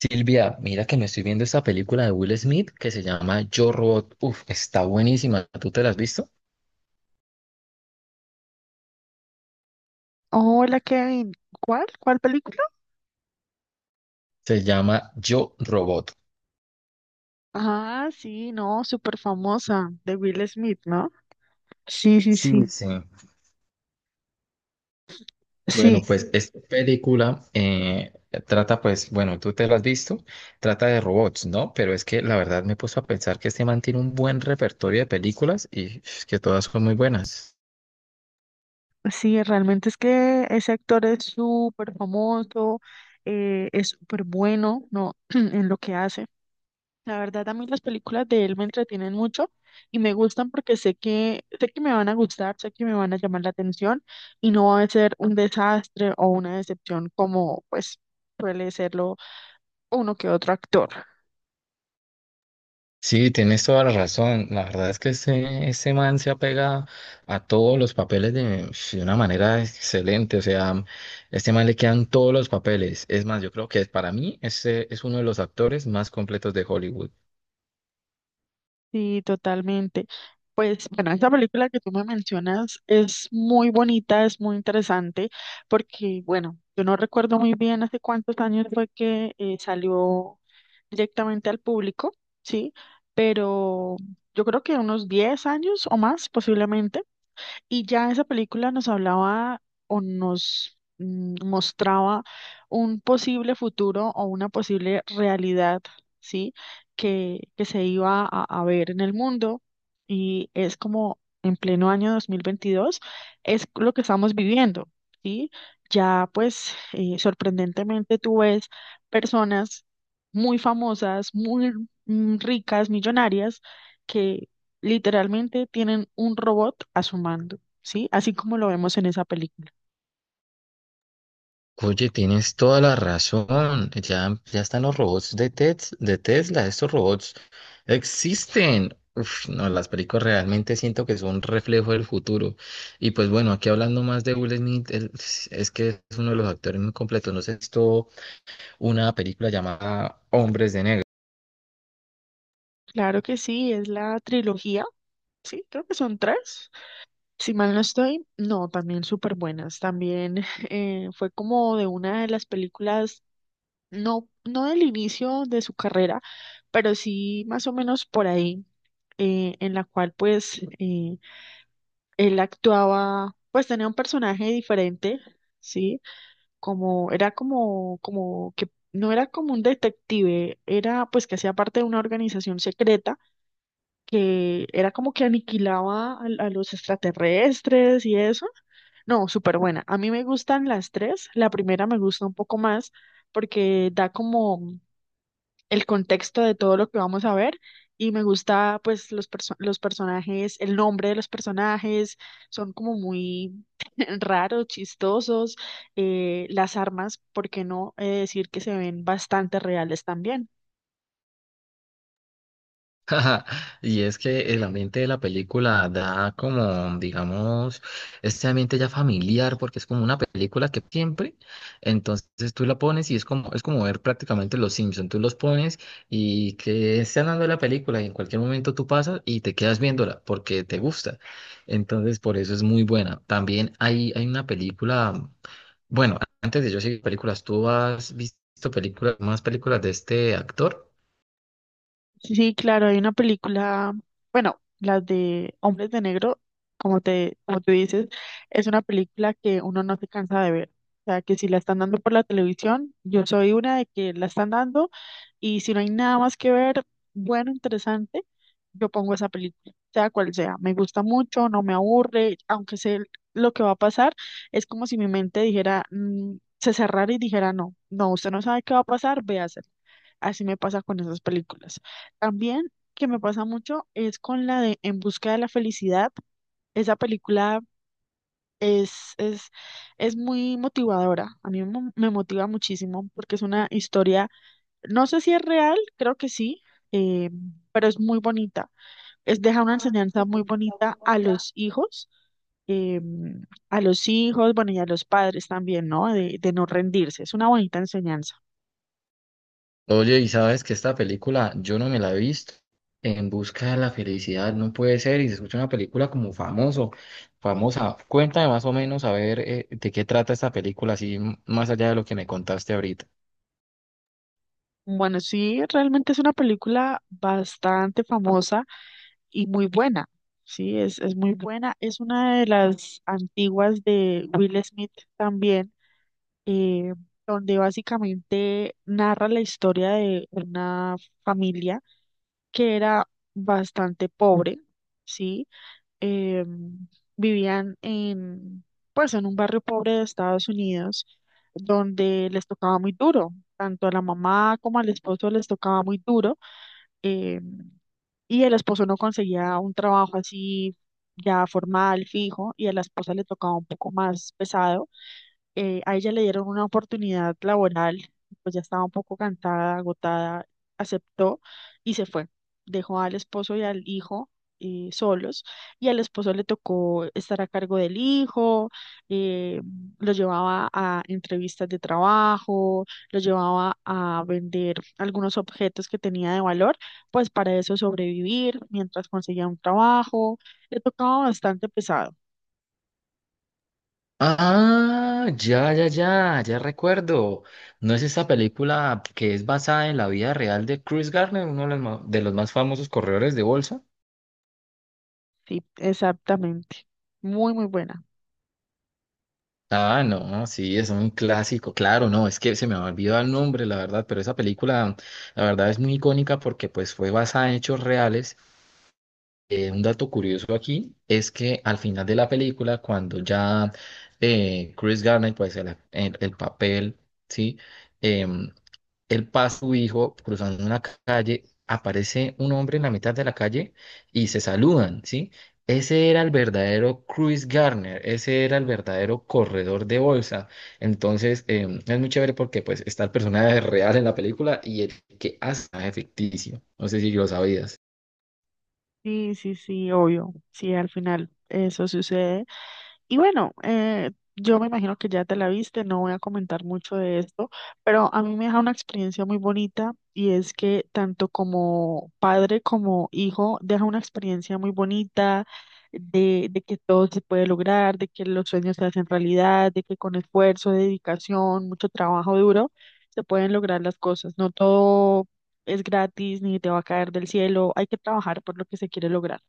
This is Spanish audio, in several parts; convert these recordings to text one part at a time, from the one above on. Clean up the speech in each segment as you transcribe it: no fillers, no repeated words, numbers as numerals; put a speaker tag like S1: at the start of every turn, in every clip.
S1: Silvia, mira que me estoy viendo esta película de Will Smith que se llama Yo Robot. Uf, está buenísima. ¿Tú te la has visto?
S2: Hola Kevin, ¿cuál? ¿Cuál película?
S1: Se llama Yo Robot.
S2: Ah, sí, no, súper famosa, de Will Smith, ¿no? Sí, sí,
S1: Sí,
S2: sí,
S1: sí. Bueno,
S2: sí,
S1: pues esta película trata, pues, bueno, tú te la has visto, trata de robots, ¿no? Pero es que la verdad me he puesto a pensar que este man tiene un buen repertorio de películas y es que todas son muy buenas.
S2: sí, realmente es que ese actor es súper famoso, es súper bueno, ¿no? En lo que hace. La verdad, a mí las películas de él me entretienen mucho y me gustan porque sé que me van a gustar, sé que me van a llamar la atención y no va a ser un desastre o una decepción como, pues, suele serlo uno que otro actor.
S1: Sí, tienes toda la razón. La verdad es que ese man se apega a todos los papeles de una manera excelente. O sea, este man le quedan todos los papeles. Es más, yo creo que para mí ese es uno de los actores más completos de Hollywood.
S2: Sí, totalmente. Pues bueno, esa película que tú me mencionas es muy bonita, es muy interesante, porque bueno, yo no recuerdo muy bien hace cuántos años fue que salió directamente al público, ¿sí? Pero yo creo que unos 10 años o más posiblemente. Y ya esa película nos hablaba o nos mostraba un posible futuro o una posible realidad, ¿sí? Que se iba a ver en el mundo y es como en pleno año 2022 es lo que estamos viviendo, ¿sí? Ya pues sorprendentemente tú ves personas muy famosas, muy ricas, millonarias, que literalmente tienen un robot a su mando. ¿Sí? Así como lo vemos en esa película.
S1: Oye, tienes toda la razón. Ya, ya están los robots de de Tesla. Estos robots existen. Uf, no, las películas realmente siento que son un reflejo del futuro. Y pues bueno, aquí hablando más de Will Smith, él es que es uno de los actores muy completos. No sé si has visto una película llamada Hombres de Negro.
S2: Claro que sí, es la trilogía, ¿sí? Creo que son tres. Si mal no estoy, no, también súper buenas. También fue como de una de las películas, no del inicio de su carrera, pero sí más o menos por ahí, en la cual él actuaba, pues tenía un personaje diferente. Sí, como, era como, como que no era como un detective, era pues que hacía parte de una organización secreta que era como que aniquilaba a los extraterrestres y eso. No, súper buena. A mí me gustan las tres. La primera me gusta un poco más porque da como el contexto de todo lo que vamos a ver. Y me gusta pues los personajes, el nombre de los personajes, son como muy raros, chistosos, las armas, ¿por qué no decir que se ven bastante reales también?
S1: Ajá, y es que el ambiente de la película da como, digamos, este ambiente ya familiar, porque es como una película que siempre, entonces tú la pones y es como ver prácticamente Los Simpson, tú los pones y que están dando la película y en cualquier momento tú pasas y te quedas viéndola porque te gusta. Entonces, por eso es muy buena. También hay una película, bueno, antes de yo seguir películas, ¿tú has visto películas, más películas de este actor?
S2: Sí, sí, claro, hay una película, bueno, las de Hombres de Negro, como tú dices, es una película que uno no se cansa de ver. O sea, que si la están dando por la televisión, yo soy una de que la están dando. Y si no hay nada más que ver, bueno, interesante, yo pongo esa película, sea cual sea. Me gusta mucho, no me aburre, aunque sé lo que va a pasar, es como si mi mente dijera, mm, se cerrara y dijera, no, no, usted no sabe qué va a pasar, véasela. Así me pasa con esas películas. También que me pasa mucho es con la de En busca de la felicidad. Esa película es, es, es muy motivadora. Me motiva muchísimo porque es una historia, no sé si es real, creo que sí, eh, pero es muy bonita. Es, deja una enseñanza muy bonita eh, a los hijos, bueno, y a los padres también, ¿no? De no rendirse. Es una bonita enseñanza.
S1: Oye, y sabes que esta película yo no me la he visto. En busca de la felicidad no puede ser. Y se escucha una película como famoso, famosa. Cuéntame más o menos a ver de qué trata esta película, así más allá de lo que me contaste ahorita.
S2: Bueno, sí, realmente es una película bastante famosa y muy buena. Sí, es muy buena. Es una de las antiguas de Will Smith también, eh, donde básicamente narra la historia de una familia que era bastante pobre, ¿sí? Em, Vivían en, pues, en un barrio pobre de Estados Unidos donde les tocaba muy duro, tanto a la mamá como al esposo les tocaba muy duro, em, y el esposo no conseguía un trabajo así ya formal, fijo, y a la esposa le tocaba un poco más pesado, a ella le dieron una oportunidad laboral, pues ya estaba un poco cansada, agotada, aceptó y se fue. Dejó al esposo y al hijo solos y al esposo le tocó estar a cargo del hijo, eh, lo llevaba a entrevistas de trabajo, lo llevaba a vender algunos objetos que tenía de valor, pues para eso sobrevivir mientras conseguía un trabajo. Le tocaba bastante pesado,
S1: Ah, ya, ya, ya, ya recuerdo. ¿No es esta película que es basada en la vida real de Chris Gardner, uno de los más famosos corredores de bolsa?
S2: sí, exactamente. Muy, muy bueno.
S1: Ah, no, sí, es un clásico, claro, no, es que se me ha olvidado el nombre, la verdad, pero esa película, la verdad, es muy icónica porque pues fue basada en hechos reales. Un dato curioso aquí es que al final de la película, cuando ya Chris Garner, pues el papel, ¿sí? Em, Él pasa su hijo cruzando una calle, aparece un hombre en la mitad de la calle y se saludan, ¿sí? Ese era el verdadero Chris Garner, ese era el verdadero corredor de bolsa. Entonces, es muy chévere porque pues está el personaje real en la película y el que hace es ficticio. No sé si lo sabías.
S2: Sí, sí, sí, obvio. Sí, al final eso sucede. Y bueno, yo me imagino que ya te la viste, no voy a comentar mucho de esto, pero a mí me deja una experiencia muy bonita y es que tanto como padre como hijo deja una experiencia muy bonita de que todo se puede lograr, de que los sueños se hacen realidad, de que con esfuerzo, dedicación, mucho trabajo duro, se pueden lograr las cosas. No todo es gratis ni te va a caer del cielo, hay que trabajar por lo que se quiere lograr.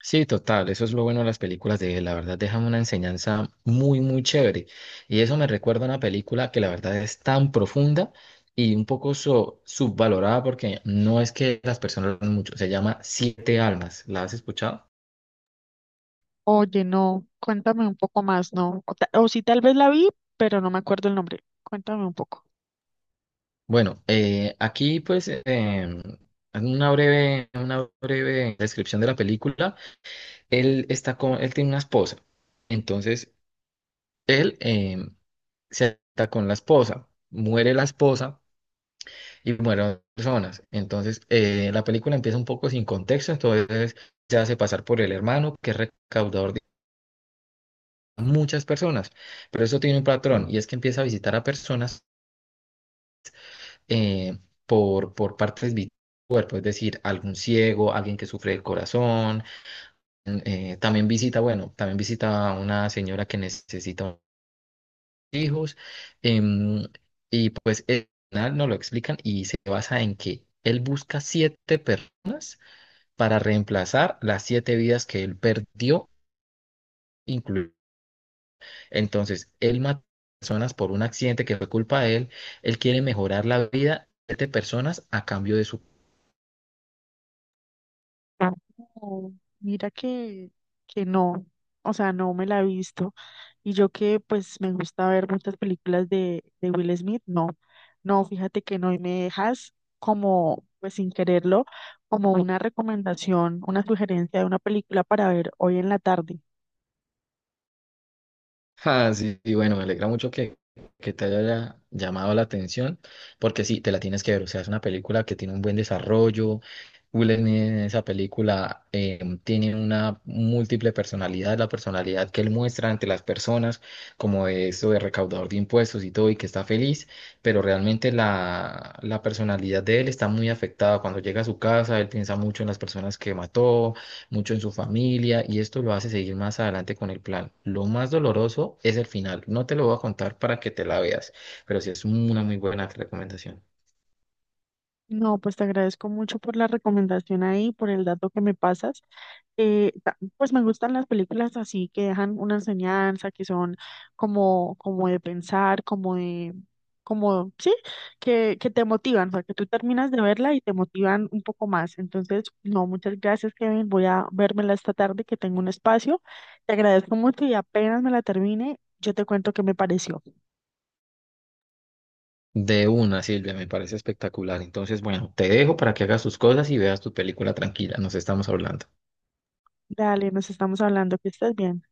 S1: Sí, total, eso es lo bueno de las películas de él, la verdad dejan una enseñanza muy, muy chévere. Y eso me recuerda a una película que la verdad es tan profunda y un poco subvalorada porque no es que las personas lo hagan mucho, se llama Siete Almas, ¿la has escuchado?
S2: Oye, no, cuéntame un poco más, ¿no? O sí, tal vez la vi, pero no me acuerdo el nombre. Cuéntame un poco.
S1: Bueno, aquí pues en una breve descripción de la película, él está con, él tiene una esposa, entonces él se está con la esposa, muere la esposa y mueron personas. Entonces, la película empieza un poco sin contexto, entonces se hace pasar por el hermano, que es recaudador de muchas personas, pero eso tiene un patrón, y es que empieza a visitar a personas eh, por partes vitales del cuerpo, es decir, algún ciego, alguien que sufre del corazón, también visita, bueno, también visita a una señora que necesita hijos, em, y pues el final no lo explican y se basa en que él busca siete personas para reemplazar las siete vidas que él perdió, incluido. Entonces, él mató personas por un accidente que fue culpa de él, él quiere mejorar la vida de siete personas a cambio de su.
S2: No, mira que no, o sea, no me la he visto. Y yo que pues me gusta ver muchas películas de Will Smith, no, no, fíjate que no, y me dejas como, pues sin quererlo, como una recomendación, una sugerencia de una película para ver hoy en la tarde.
S1: Ah, sí, y bueno, me alegra mucho que te haya llamado la atención, porque sí, te la tienes que ver. O sea, es una película que tiene un buen desarrollo. Will en esa película tiene una múltiple personalidad, la personalidad que él muestra ante las personas, como de eso de recaudador de impuestos y todo, y que está feliz, pero realmente la personalidad de él está muy afectada. Cuando llega a su casa, él piensa mucho en las personas que mató, mucho en su familia y esto lo hace seguir más adelante con el plan. Lo más doloroso es el final. No te lo voy a contar para que te la veas, pero sí es una muy buena recomendación.
S2: No, pues te agradezco mucho por la recomendación ahí, por el dato que me pasas. Pues me gustan las películas así que dejan una enseñanza, que son como, como de pensar, como de, como, sí, que te motivan, o sea, que tú terminas de verla y te motivan un poco más. Entonces, no, muchas gracias, Kevin. Voy a vérmela esta tarde que tengo un espacio. Te agradezco mucho y apenas me la termine, yo te cuento qué me pareció.
S1: De una, Silvia, me parece espectacular. Entonces, bueno, te dejo para que hagas tus cosas y veas tu película tranquila. Nos estamos hablando.
S2: Dale, nos estamos hablando, que estés bien.